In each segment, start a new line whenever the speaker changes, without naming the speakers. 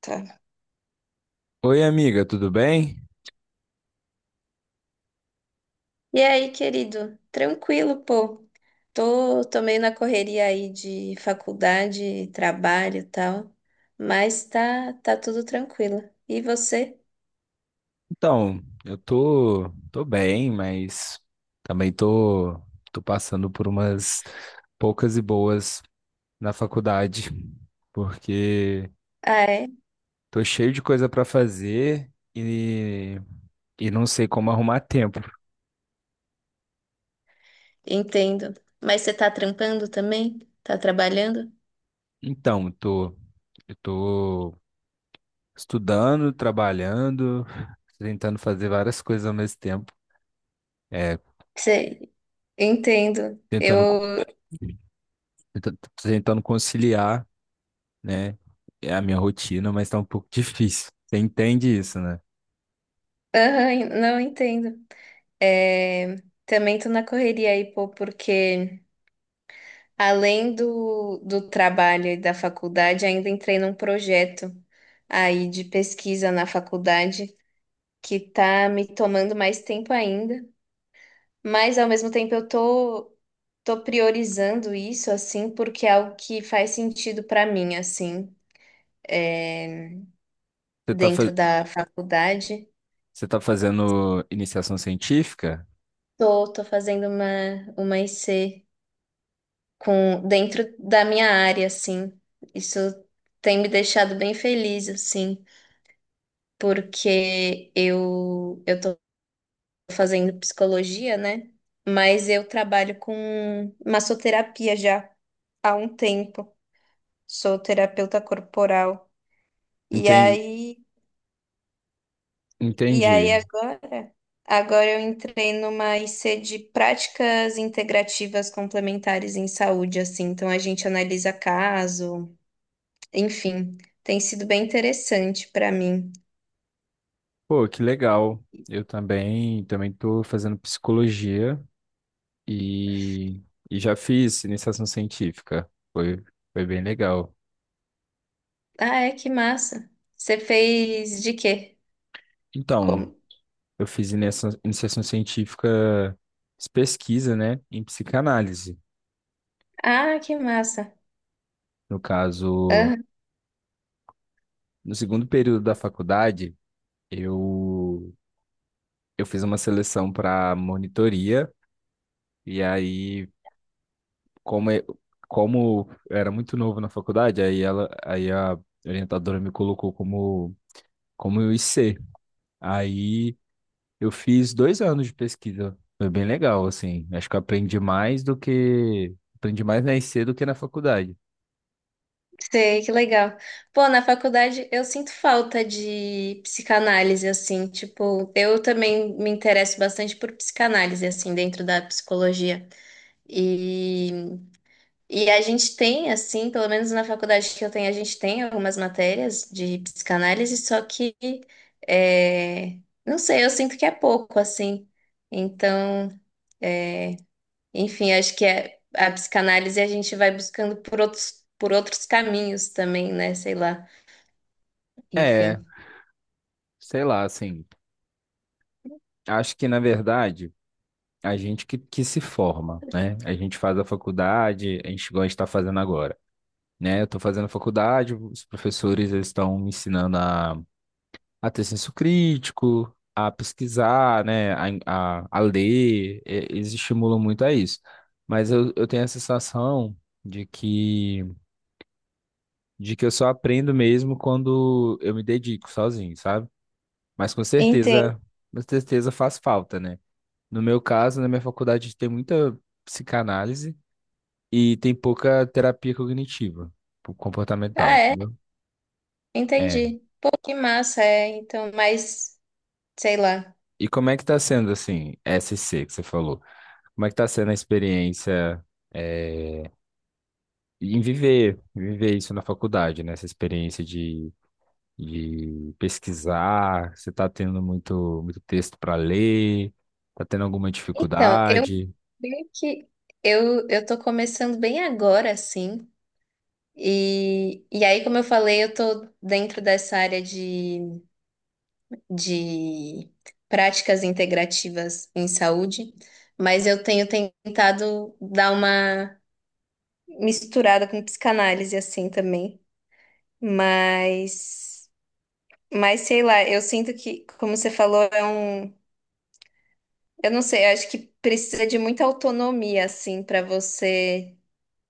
Tá.
Oi, amiga, tudo bem?
E aí, querido? Tranquilo, pô. Tô meio na correria aí de faculdade, trabalho e tal, mas tá tudo tranquilo. E você?
Então, eu tô bem, mas também tô, passando por umas poucas e boas na faculdade, porque
Ah, é?
tô cheio de coisa pra fazer e não sei como arrumar tempo.
Entendo. Mas você tá trampando também? Tá trabalhando?
Então, tô, eu tô estudando, trabalhando, tentando fazer várias coisas ao mesmo tempo, é,
Sei, entendo.
tentando, co-
Eu,
tenta- tentando conciliar, né? É a minha rotina, mas tá um pouco difícil. Você entende isso, né?
aham, não entendo. É, também tô na correria aí, pô, porque além do trabalho e da faculdade, ainda entrei num projeto aí de pesquisa na faculdade que tá me tomando mais tempo ainda, mas ao mesmo tempo eu tô priorizando isso assim porque é algo que faz sentido para mim assim, é,
Você tá,
dentro
fa-
da faculdade.
Você tá fazendo iniciação científica?
Tô fazendo uma IC com dentro da minha área assim. Isso tem me deixado bem feliz assim, porque eu tô fazendo psicologia, né? Mas eu trabalho com massoterapia já há um tempo. Sou terapeuta corporal. E
Enten-
aí, e aí,
Entendi.
agora, agora eu entrei numa IC de práticas integrativas complementares em saúde, assim. Então a gente analisa caso, enfim, tem sido bem interessante para mim.
Pô, que legal. Eu também, também tô fazendo psicologia e, e já fiz iniciação científica. Foi bem legal.
Ah, é que massa. Você fez de quê?
Então,
Como?
eu fiz iniciação científica, fiz pesquisa, né, em psicanálise.
Ah, que massa.
No caso, no segundo período da faculdade, eu eu fiz uma seleção para monitoria, e aí, como, eu- como eu era muito novo na faculdade, aí a orientadora me colocou como IC. Aí eu fiz dois anos de pesquisa. Foi bem legal, assim. Acho que eu aprendi mais do que. Aprendi mais na IC do que na faculdade.
Sei, que legal. Pô, na faculdade eu sinto falta de psicanálise, assim, tipo, eu também me interesso bastante por psicanálise, assim, dentro da psicologia. E, e a gente tem, assim, pelo menos na faculdade que eu tenho, a gente tem algumas matérias de psicanálise, só que, é, não sei, eu sinto que é pouco, assim. Então, é, enfim, acho que é, a psicanálise a gente vai buscando por outros caminhos também, né? Sei lá.
É,
Enfim.
sei lá, assim. Acho que, na verdade, que se forma, né? A gente faz a faculdade, a gente gosta de estar fazendo agora, né? Eu estou fazendo faculdade, os professores eles estão me ensinando a ter senso crítico, a pesquisar, né? A ler, eles estimulam muito a isso. Mas eu tenho a sensação de que, de que eu só aprendo mesmo quando eu me dedico sozinho, sabe? Mas
Entendi.
com certeza faz falta, né? No meu caso, na minha faculdade tem muita psicanálise e tem pouca terapia cognitiva, tipo, comportamental,
Ah, é?
entendeu? É.
Entendi. Pô, que massa, é. Então, mas, sei lá.
E como é que tá sendo, assim, SC que você falou? Como é que tá sendo a experiência eh, em viver isso na faculdade, né? Essa experiência de pesquisar, você tá tendo muito, muito texto para ler, tá tendo alguma
Então, eu
dificuldade?
meio que eu tô começando bem agora, assim. E aí, como eu falei, eu tô dentro dessa área de práticas integrativas em saúde, mas eu tenho tentado dar uma misturada com psicanálise assim também, mas mas sei lá, eu sinto que, como você falou, é um, eu não sei, eu acho que precisa de muita autonomia assim para você,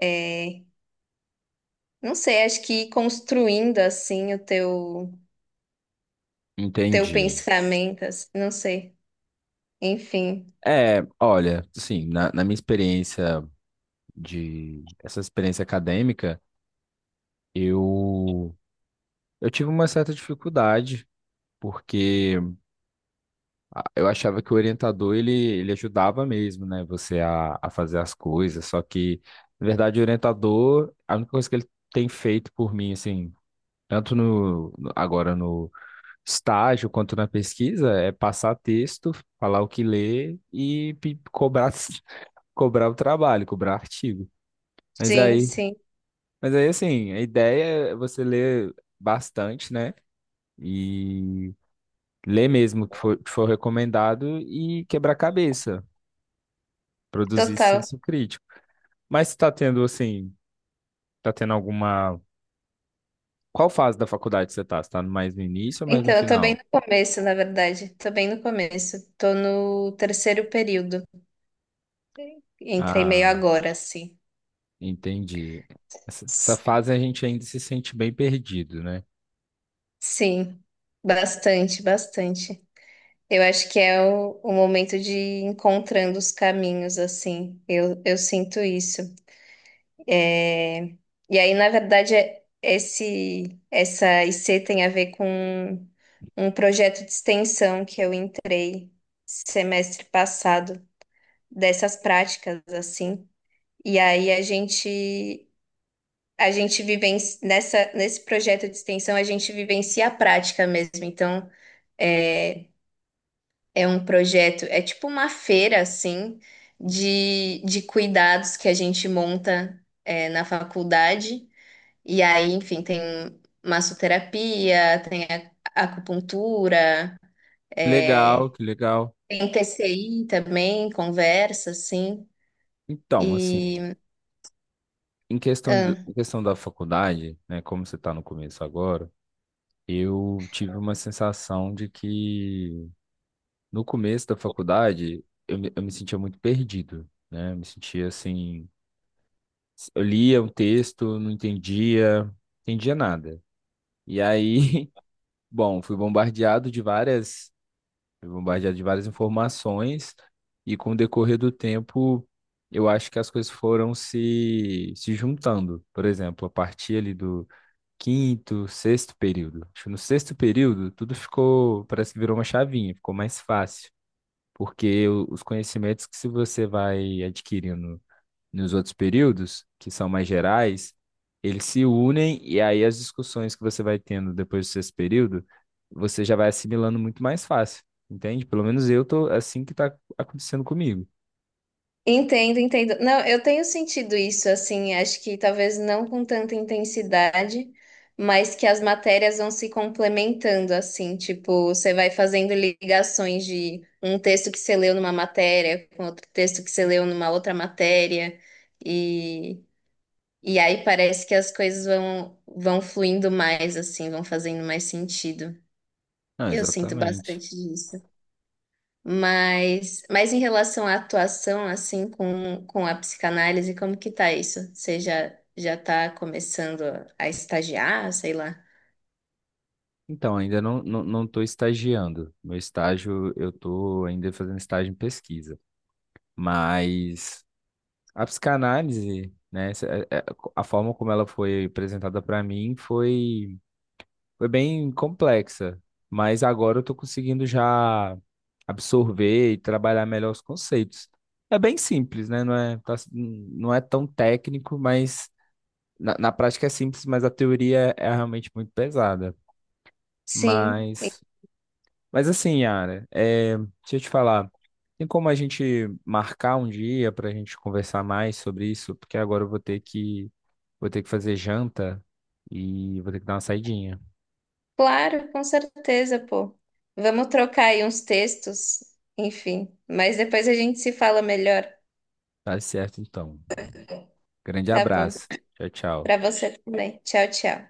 é, não sei, acho que ir construindo assim o teu
Entendi.
pensamento, assim, não sei. Enfim.
É, olha, assim, na minha experiência de, essa experiência acadêmica, eu, eu tive uma certa dificuldade, porque eu achava que o orientador ele ajudava mesmo, né? Você a fazer as coisas. Só que, na verdade, o orientador, a única coisa que ele tem feito por mim, assim, tanto agora no estágio quanto na pesquisa, é passar texto, falar o que ler e cobrar, cobrar o trabalho, cobrar artigo. Mas
Sim,
aí,
sim.
mas aí, assim, a ideia é você ler bastante, né? E ler mesmo que for recomendado e quebrar cabeça. Produzir
Total.
senso crítico. Mas você tá tendo, assim, tá tendo alguma. Qual fase da faculdade você tá? Você tá mais no início ou mais
Então,
no
eu tô bem
final?
no começo, na verdade. Tô bem no começo. Tô no terceiro período. Entrei meio
Ah,
agora, assim.
entendi. Essa fase a gente ainda se sente bem perdido, né?
Sim, bastante, bastante. Eu acho que é o momento de ir encontrando os caminhos, assim. Eu sinto isso. É, e aí, na verdade, é- esse, essa IC tem a ver com um projeto de extensão que eu entrei semestre passado, dessas práticas, assim. E aí a gente. A gente vivencia, nessa, nesse projeto de extensão, a gente vivencia a prática mesmo. Então, é, é um projeto, é tipo uma feira, assim, de cuidados que a gente monta, é, na faculdade. E aí, enfim, tem massoterapia, tem a- acupuntura,
Legal,
é,
que legal.
tem TCI também, conversa, assim.
Então, assim,
E.
em questão de, em questão da faculdade, né, como você está no começo agora, eu tive uma sensação de que no começo da faculdade eu me sentia muito perdido, né? Eu me sentia assim. Eu lia o texto, não entendia, entendia nada. E aí, bom, fui bombardeado de várias informações e com o decorrer do tempo, eu acho que as coisas foram se juntando. Por exemplo, a partir ali do quinto, sexto período. Acho que no sexto período tudo ficou, parece que virou uma chavinha, ficou mais fácil, porque os conhecimentos que se você vai adquirindo nos outros períodos, que são mais gerais, eles se unem e aí as discussões que você vai tendo depois do sexto período, você já vai assimilando muito mais fácil, entende? Pelo menos eu tô assim que tá acontecendo comigo.
Entendo, entendo. Não, eu tenho sentido isso, assim, acho que talvez não com tanta intensidade, mas que as matérias vão se complementando, assim, tipo, você vai fazendo ligações de um texto que você leu numa matéria com outro texto que você leu numa outra matéria, e, e aí parece que as coisas vão, vão fluindo mais, assim, vão fazendo mais sentido.
Não,
Eu sinto
exatamente.
bastante disso. Mas em relação à atuação, assim, com a psicanálise, como que tá isso? Você já, já tá começando a estagiar, sei lá?
Então, ainda não, não, não tô estagiando. Meu estágio, eu tô ainda fazendo estágio em pesquisa. Mas a psicanálise, né, a forma como ela foi apresentada para mim foi bem complexa, mas agora eu tô conseguindo já absorver e trabalhar melhor os conceitos. É bem simples, né? Não é tão técnico, mas na prática é simples, mas a teoria é realmente muito pesada.
Sim, e
Mas, mas assim, Yara, é, deixa eu te falar. Tem como a gente marcar um dia para a gente conversar mais sobre isso? Porque agora eu vou ter que fazer janta e vou ter que dar uma saidinha.
claro, com certeza, pô. Vamos trocar aí uns textos, enfim. Mas depois a gente se fala melhor,
Tá certo, então. Grande
tá bom?
abraço. Tchau,
Pra
tchau.
você também. Tchau, tchau.